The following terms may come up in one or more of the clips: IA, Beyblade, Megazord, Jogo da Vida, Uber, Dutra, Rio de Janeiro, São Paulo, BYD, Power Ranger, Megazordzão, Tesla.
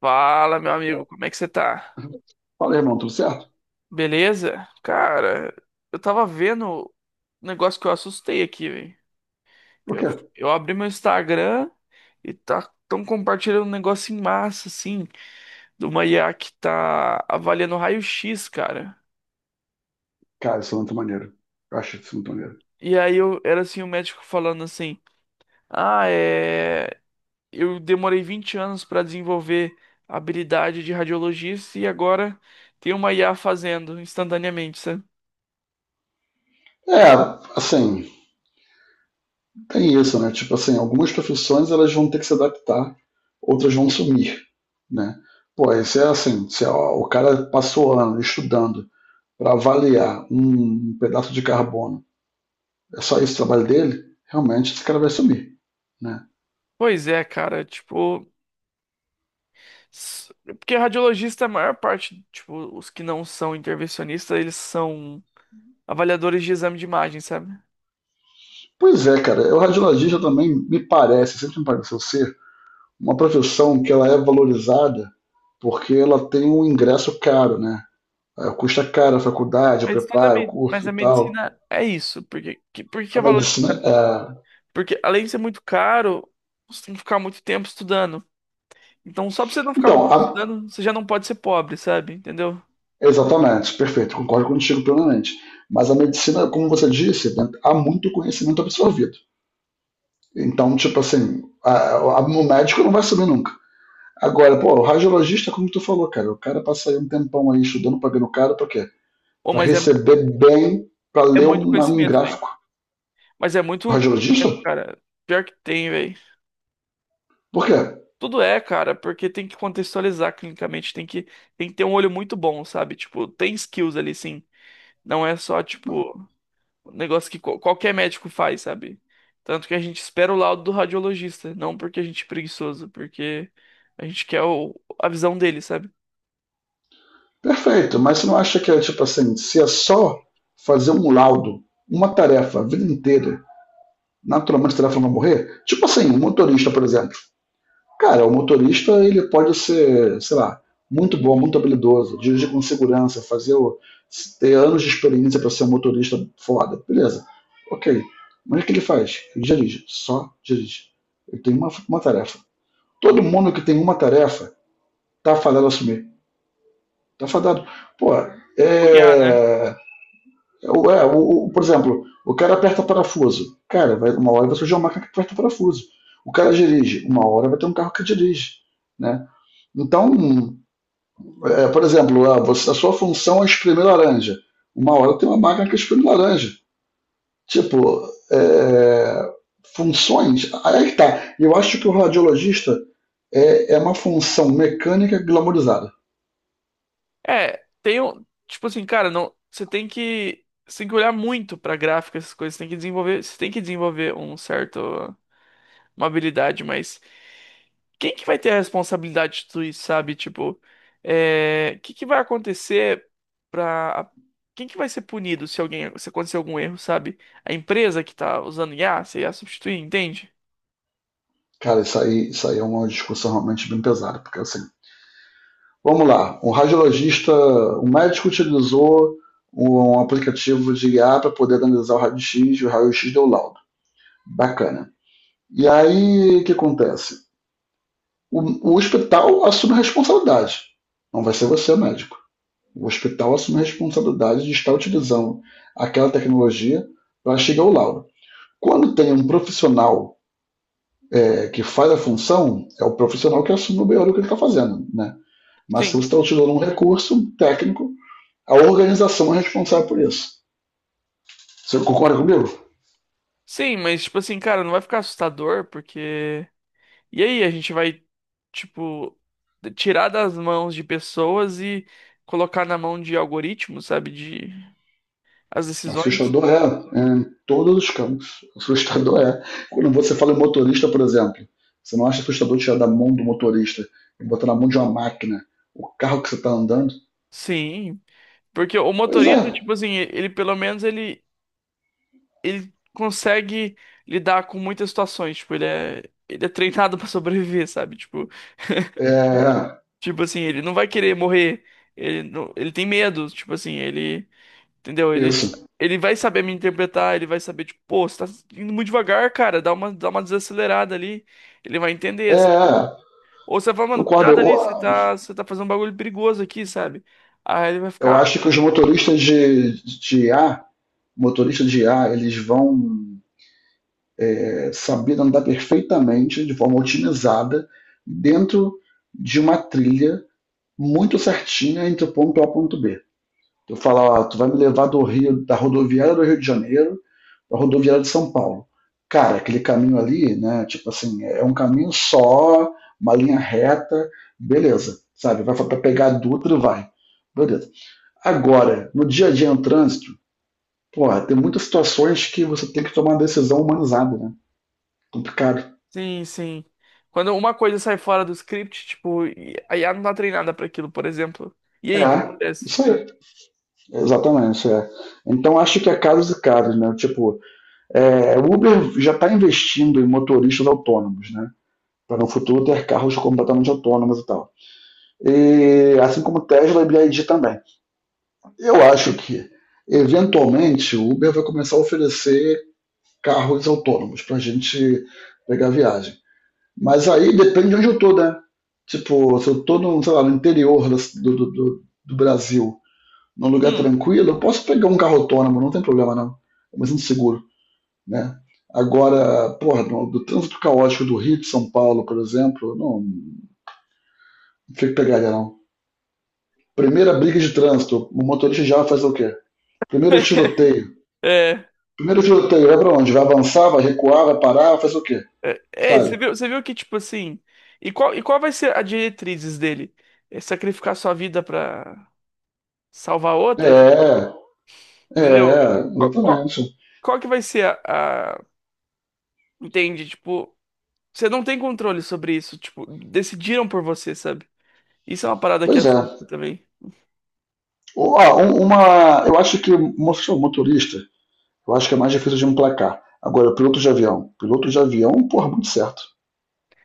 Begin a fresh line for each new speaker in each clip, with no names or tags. Fala, meu amigo, como é que você tá?
Fala, irmão, tudo certo?
Beleza? Cara, eu tava vendo um negócio que eu assustei aqui, velho.
Por
Eu,
quê?
eu abri meu Instagram e tá tão compartilhando um negócio em massa, assim, de uma IA que tá avaliando raio-x, cara.
Cara, isso é muito maneiro. Eu acho isso muito maneiro.
E aí eu era assim, o médico falando assim: "Ah, é, eu demorei 20 anos pra desenvolver a habilidade de radiologista e agora tem uma IA fazendo instantaneamente, sabe?"
É, assim, tem isso, né? Tipo assim, algumas profissões elas vão ter que se adaptar, outras vão sumir, né? Pô, isso é assim, se ó, o cara passou ano estudando para avaliar um pedaço de carbono, é só isso o trabalho dele, realmente esse cara vai sumir, né?
Pois é, cara, tipo, S- porque radiologista, é a maior parte, tipo, os que não são intervencionistas, eles são avaliadores de exame de imagem, sabe?
Pois é, cara, o radiologista também me parece, sempre me pareceu ser uma profissão que ela é valorizada porque ela tem um ingresso caro, né? É, custa caro a faculdade, o
Mas,
preparo, o
mas
curso
a
e tal.
medicina é isso. Porque, por que
A
é valorizado?
medicina é.
Porque além de ser muito caro, você tem que ficar muito tempo estudando. Então, só pra você não ficar muito
Então,
tempo
a.
estudando, você já não pode ser pobre, sabe? Entendeu?
Exatamente, perfeito, concordo contigo plenamente. Mas a medicina, como você disse, né, há muito conhecimento absorvido. Então, tipo assim, o médico não vai saber nunca. Agora, pô, o radiologista, como tu falou, cara, o cara passa aí um tempão aí estudando, pagando caro, pra quê?
Ô,
Pra receber bem, pra
é
ler
muito
um
conhecimento, velho.
gráfico.
Mas é muito
O radiologista?
conhecimento, cara. Pior que tem, velho.
Por quê?
Tudo é, cara, porque tem que contextualizar clinicamente, tem que ter um olho muito bom, sabe? Tipo, tem skills ali, sim. Não é só, tipo, um negócio que qualquer médico faz, sabe? Tanto que a gente espera o laudo do radiologista, não porque a gente é preguiçoso, porque a gente quer a visão dele, sabe?
Perfeito, mas você não acha que é tipo assim, se é só fazer um laudo, uma tarefa a vida inteira, naturalmente a tarefa não vai morrer? Tipo assim, um motorista, por exemplo. Cara, o motorista ele pode ser, sei lá, muito bom, muito habilidoso, dirigir com segurança, fazer o, ter anos de experiência para ser um motorista foda, beleza. Ok. Mas o que ele faz? Ele dirige, só dirige. Ele tem uma tarefa. Todo mundo que tem uma tarefa está fadado a assumir. Tá fadado. Pô,
Cunhar, né?
é, por exemplo, o cara aperta parafuso. Cara, vai, uma hora vai surgir uma máquina que aperta parafuso. O cara dirige, uma hora vai ter um carro que dirige, né? Então, é, por exemplo, a sua função é espremer laranja. Uma hora tem uma máquina que espreme laranja. Tipo, é, funções. Aí que tá. Eu acho que o radiologista é, é uma função mecânica glamorizada.
É, tem um, tipo assim, cara, não, você tem que olhar muito pra gráfica, essas coisas. Você tem que desenvolver um certo, uma habilidade, mas quem que vai ter a responsabilidade de tudo isso, sabe? Tipo, é, que vai acontecer pra... Quem que vai ser punido se alguém, se acontecer algum erro, sabe? A empresa que tá usando IA, você ia substituir, entende?
Cara, isso aí é uma discussão realmente bem pesada, porque assim, vamos lá, um radiologista, um médico utilizou um aplicativo de IA para poder analisar o raio-x e o raio-x deu laudo. Bacana. E aí, o que acontece? O, o hospital assume a responsabilidade. Não vai ser você, médico. O hospital assume a responsabilidade de estar utilizando aquela tecnologia para chegar ao laudo. Quando tem um profissional é, que faz a função, é o profissional que assume o BO do que ele está fazendo. Né? Mas se você
Sim.
está utilizando um recurso técnico, a organização é responsável por isso. Você concorda comigo?
Sim, mas tipo assim, cara, não vai ficar assustador, porque... E aí, a gente vai, tipo, tirar das mãos de pessoas e colocar na mão de algoritmos, sabe? De... As decisões.
Assustador é, é em todos os campos. Assustador é. Quando você fala em motorista, por exemplo, você não acha assustador tirar da mão do motorista e botar na mão de uma máquina o carro que você está andando?
Sim. Porque o
Pois é.
motorista, tipo assim, ele pelo menos ele, ele consegue lidar com muitas situações. Tipo, ele é treinado pra sobreviver, sabe?
É,
Tipo assim, ele não vai querer morrer. Ele, não, ele tem medo, tipo assim, ele, entendeu? Ele,
isso.
ele vai saber me interpretar, ele vai saber, tipo, pô, você tá indo muito devagar, cara, dá uma desacelerada ali. Ele vai entender, sabe?
É,
Ou você vai, mano,
concordo.
cuidado
Eu,
ali, você tá fazendo um bagulho perigoso aqui, sabe? Aí ele vai
eu
ficar.
acho que os motoristas de IA, motoristas de IA, eles vão é, saber andar perfeitamente, de forma otimizada, dentro de uma trilha muito certinha entre o ponto A e o ponto B. Eu falo, ó, tu vai me levar do Rio, da rodoviária do Rio de Janeiro para a rodoviária de São Paulo. Cara, aquele caminho ali, né? Tipo assim, é um caminho só, uma linha reta, beleza, sabe? Vai para pegar a Dutra e vai. Beleza. Agora, no dia a dia no trânsito, porra, tem muitas situações que você tem que tomar uma decisão humanizada, né? Complicado.
Sim, sim. Quando uma coisa sai fora do script, tipo, e a IA não tá treinada pra aquilo, por exemplo. E aí, o que
É,
acontece?
isso
Sabe?
aí. Exatamente, isso é. Então acho que é casos e casos, né? Tipo, é, o Uber já está investindo em motoristas autônomos, né? Para no futuro ter carros completamente autônomos e tal. E, assim como Tesla e BYD também. Eu acho que, eventualmente, o Uber vai começar a oferecer carros autônomos para a gente pegar viagem. Mas aí depende de onde eu tô, né? Tipo, se eu estou no, sei lá, no interior do Brasil, num lugar
Hum.
tranquilo, eu posso pegar um carro autônomo, não tem problema não. Mas inseguro. Né? Agora, porra, do trânsito caótico do Rio de São Paulo, por exemplo, não, não sei o que pegaria não. Primeira briga de trânsito, o motorista já vai fazer o quê? Primeiro tiroteio.
É,
Primeiro tiroteio, vai pra onde? Vai avançar, vai recuar, vai parar, vai fazer o quê?
é,
Sabe?
você viu que, tipo assim. E qual vai ser a diretrizes dele? É sacrificar sua vida pra salvar
É,
outra?
é,
Entendeu? Qual, qual,
exatamente.
qual que vai ser entende? Tipo, você não tem controle sobre isso. Tipo, decidiram por você, sabe? Isso é uma parada que
Pois é.
assusta também.
Ó, uma, eu acho que mostrou motorista, eu acho que é mais difícil de emplacar. Agora, piloto de avião. Piloto de avião, porra, muito certo.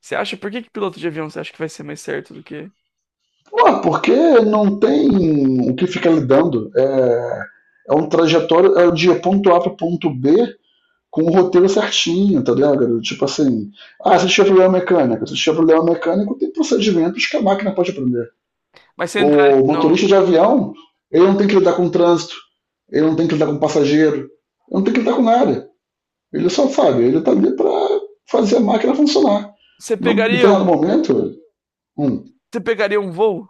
Você acha, por que que piloto de avião você acha que vai ser mais certo do que.
Pô, porque não tem o que ficar lidando. É, é um trajetório é de ponto A para ponto B com o roteiro certinho, tá ligado? Garoto? Tipo assim, ah, se tiver problema mecânico, se tiver problema mecânico, tem procedimentos que a máquina pode aprender.
Mas você entraria
O motorista
no.
de avião, ele não tem que lidar com o trânsito, ele não tem que lidar com o passageiro, ele não tem que lidar com nada. Ele só sabe, ele tá ali pra fazer a máquina funcionar.
Você
Num
pegaria um.
determinado momento, um,
Você pegaria um voo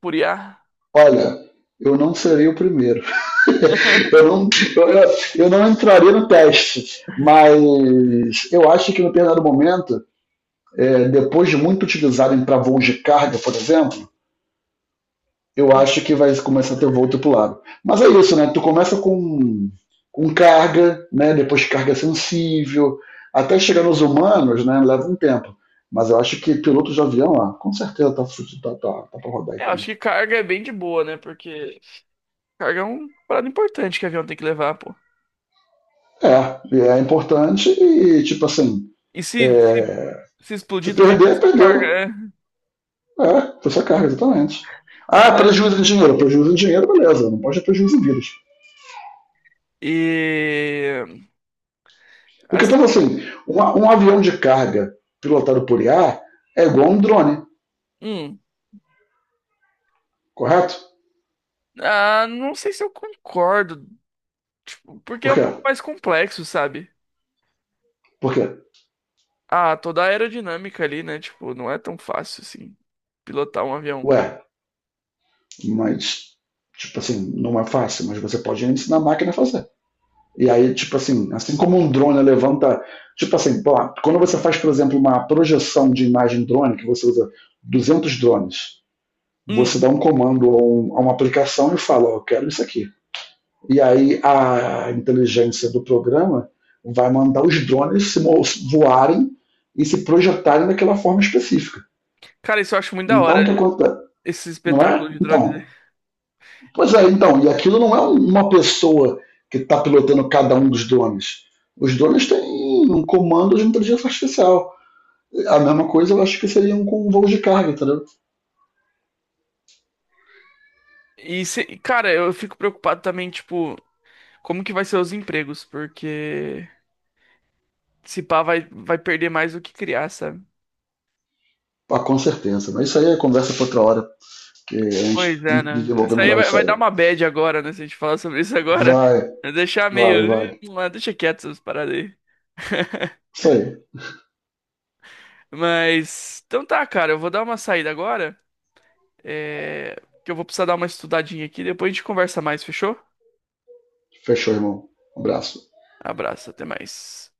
por IA?
olha, eu não serei o primeiro. Eu não, eu, eu, não entraria no teste, mas eu acho que no determinado momento, é, depois de muito utilizarem para voos de carga, por exemplo, eu acho que vai começar a ter voo tripulado. Mas é isso, né? Tu começa com carga, né? Depois carga sensível, até chegar nos humanos, né? Leva um tempo. Mas eu acho que pilotos de avião, ah, com certeza tá pra rodar aí
É, eu acho
também.
que carga é bem de boa, né? Porque carga é uma parada importante que o avião tem que levar, pô.
É, é importante e, tipo assim,
E se, se,
é,
se
se
explodir também fica
perder,
sua carga,
perdeu.
é.
É, foi sua carga, exatamente.
O
Ah,
problema.
prejuízo em dinheiro. Prejuízo em dinheiro, beleza. Não pode ter prejuízo em vidas.
E.
Porque
Assim.
pensa assim, um avião de carga pilotado por IA é igual a um drone,
Hum,
correto?
ah, não sei se eu concordo. Tipo, porque
Por
é um
quê?
pouco mais complexo, sabe?
Por quê?
Ah, toda a aerodinâmica ali, né? Tipo, não é tão fácil assim pilotar um avião.
Ué, mas, tipo assim, não é fácil, mas você pode ensinar a máquina a fazer. E aí, tipo assim, assim como um drone levanta. Tipo assim, pô, quando você faz, por exemplo, uma projeção de imagem drone, que você usa 200 drones, você
Hum,
dá um comando a a uma aplicação e fala, ó, eu quero isso aqui. E aí a inteligência do programa vai mandar os drones se voarem e se projetarem daquela forma específica.
cara, isso eu acho muito da hora.
Então, o que acontece?
Esse
Não
espetáculo
é?
de drone.
Então, pois é, então, e aquilo não é um, uma pessoa que está pilotando cada um dos drones. Os drones têm um comando de inteligência artificial. A mesma coisa eu acho que seria um com um voo de carga, entendeu?
E, e, cara, eu fico preocupado também, tipo, como que vai ser os empregos, porque se pá vai perder mais do que criar, sabe?
Ah, com certeza. Mas isso aí é conversa para outra hora, porque a gente
Pois
tem
é,
que
né?
desenvolver
Isso aí
melhor isso
vai dar
aí.
uma bad agora, né? Se a gente falar sobre isso agora,
Vai,
vai deixar
vai,
meio.
vai.
"Ih, ah, deixa quieto essas paradas aí.
Isso aí.
Mas. Então tá, cara, eu vou dar uma saída agora, é, que eu vou precisar dar uma estudadinha aqui, depois a gente conversa mais, fechou?
Fechou, irmão. Um abraço.
Abraço, até mais.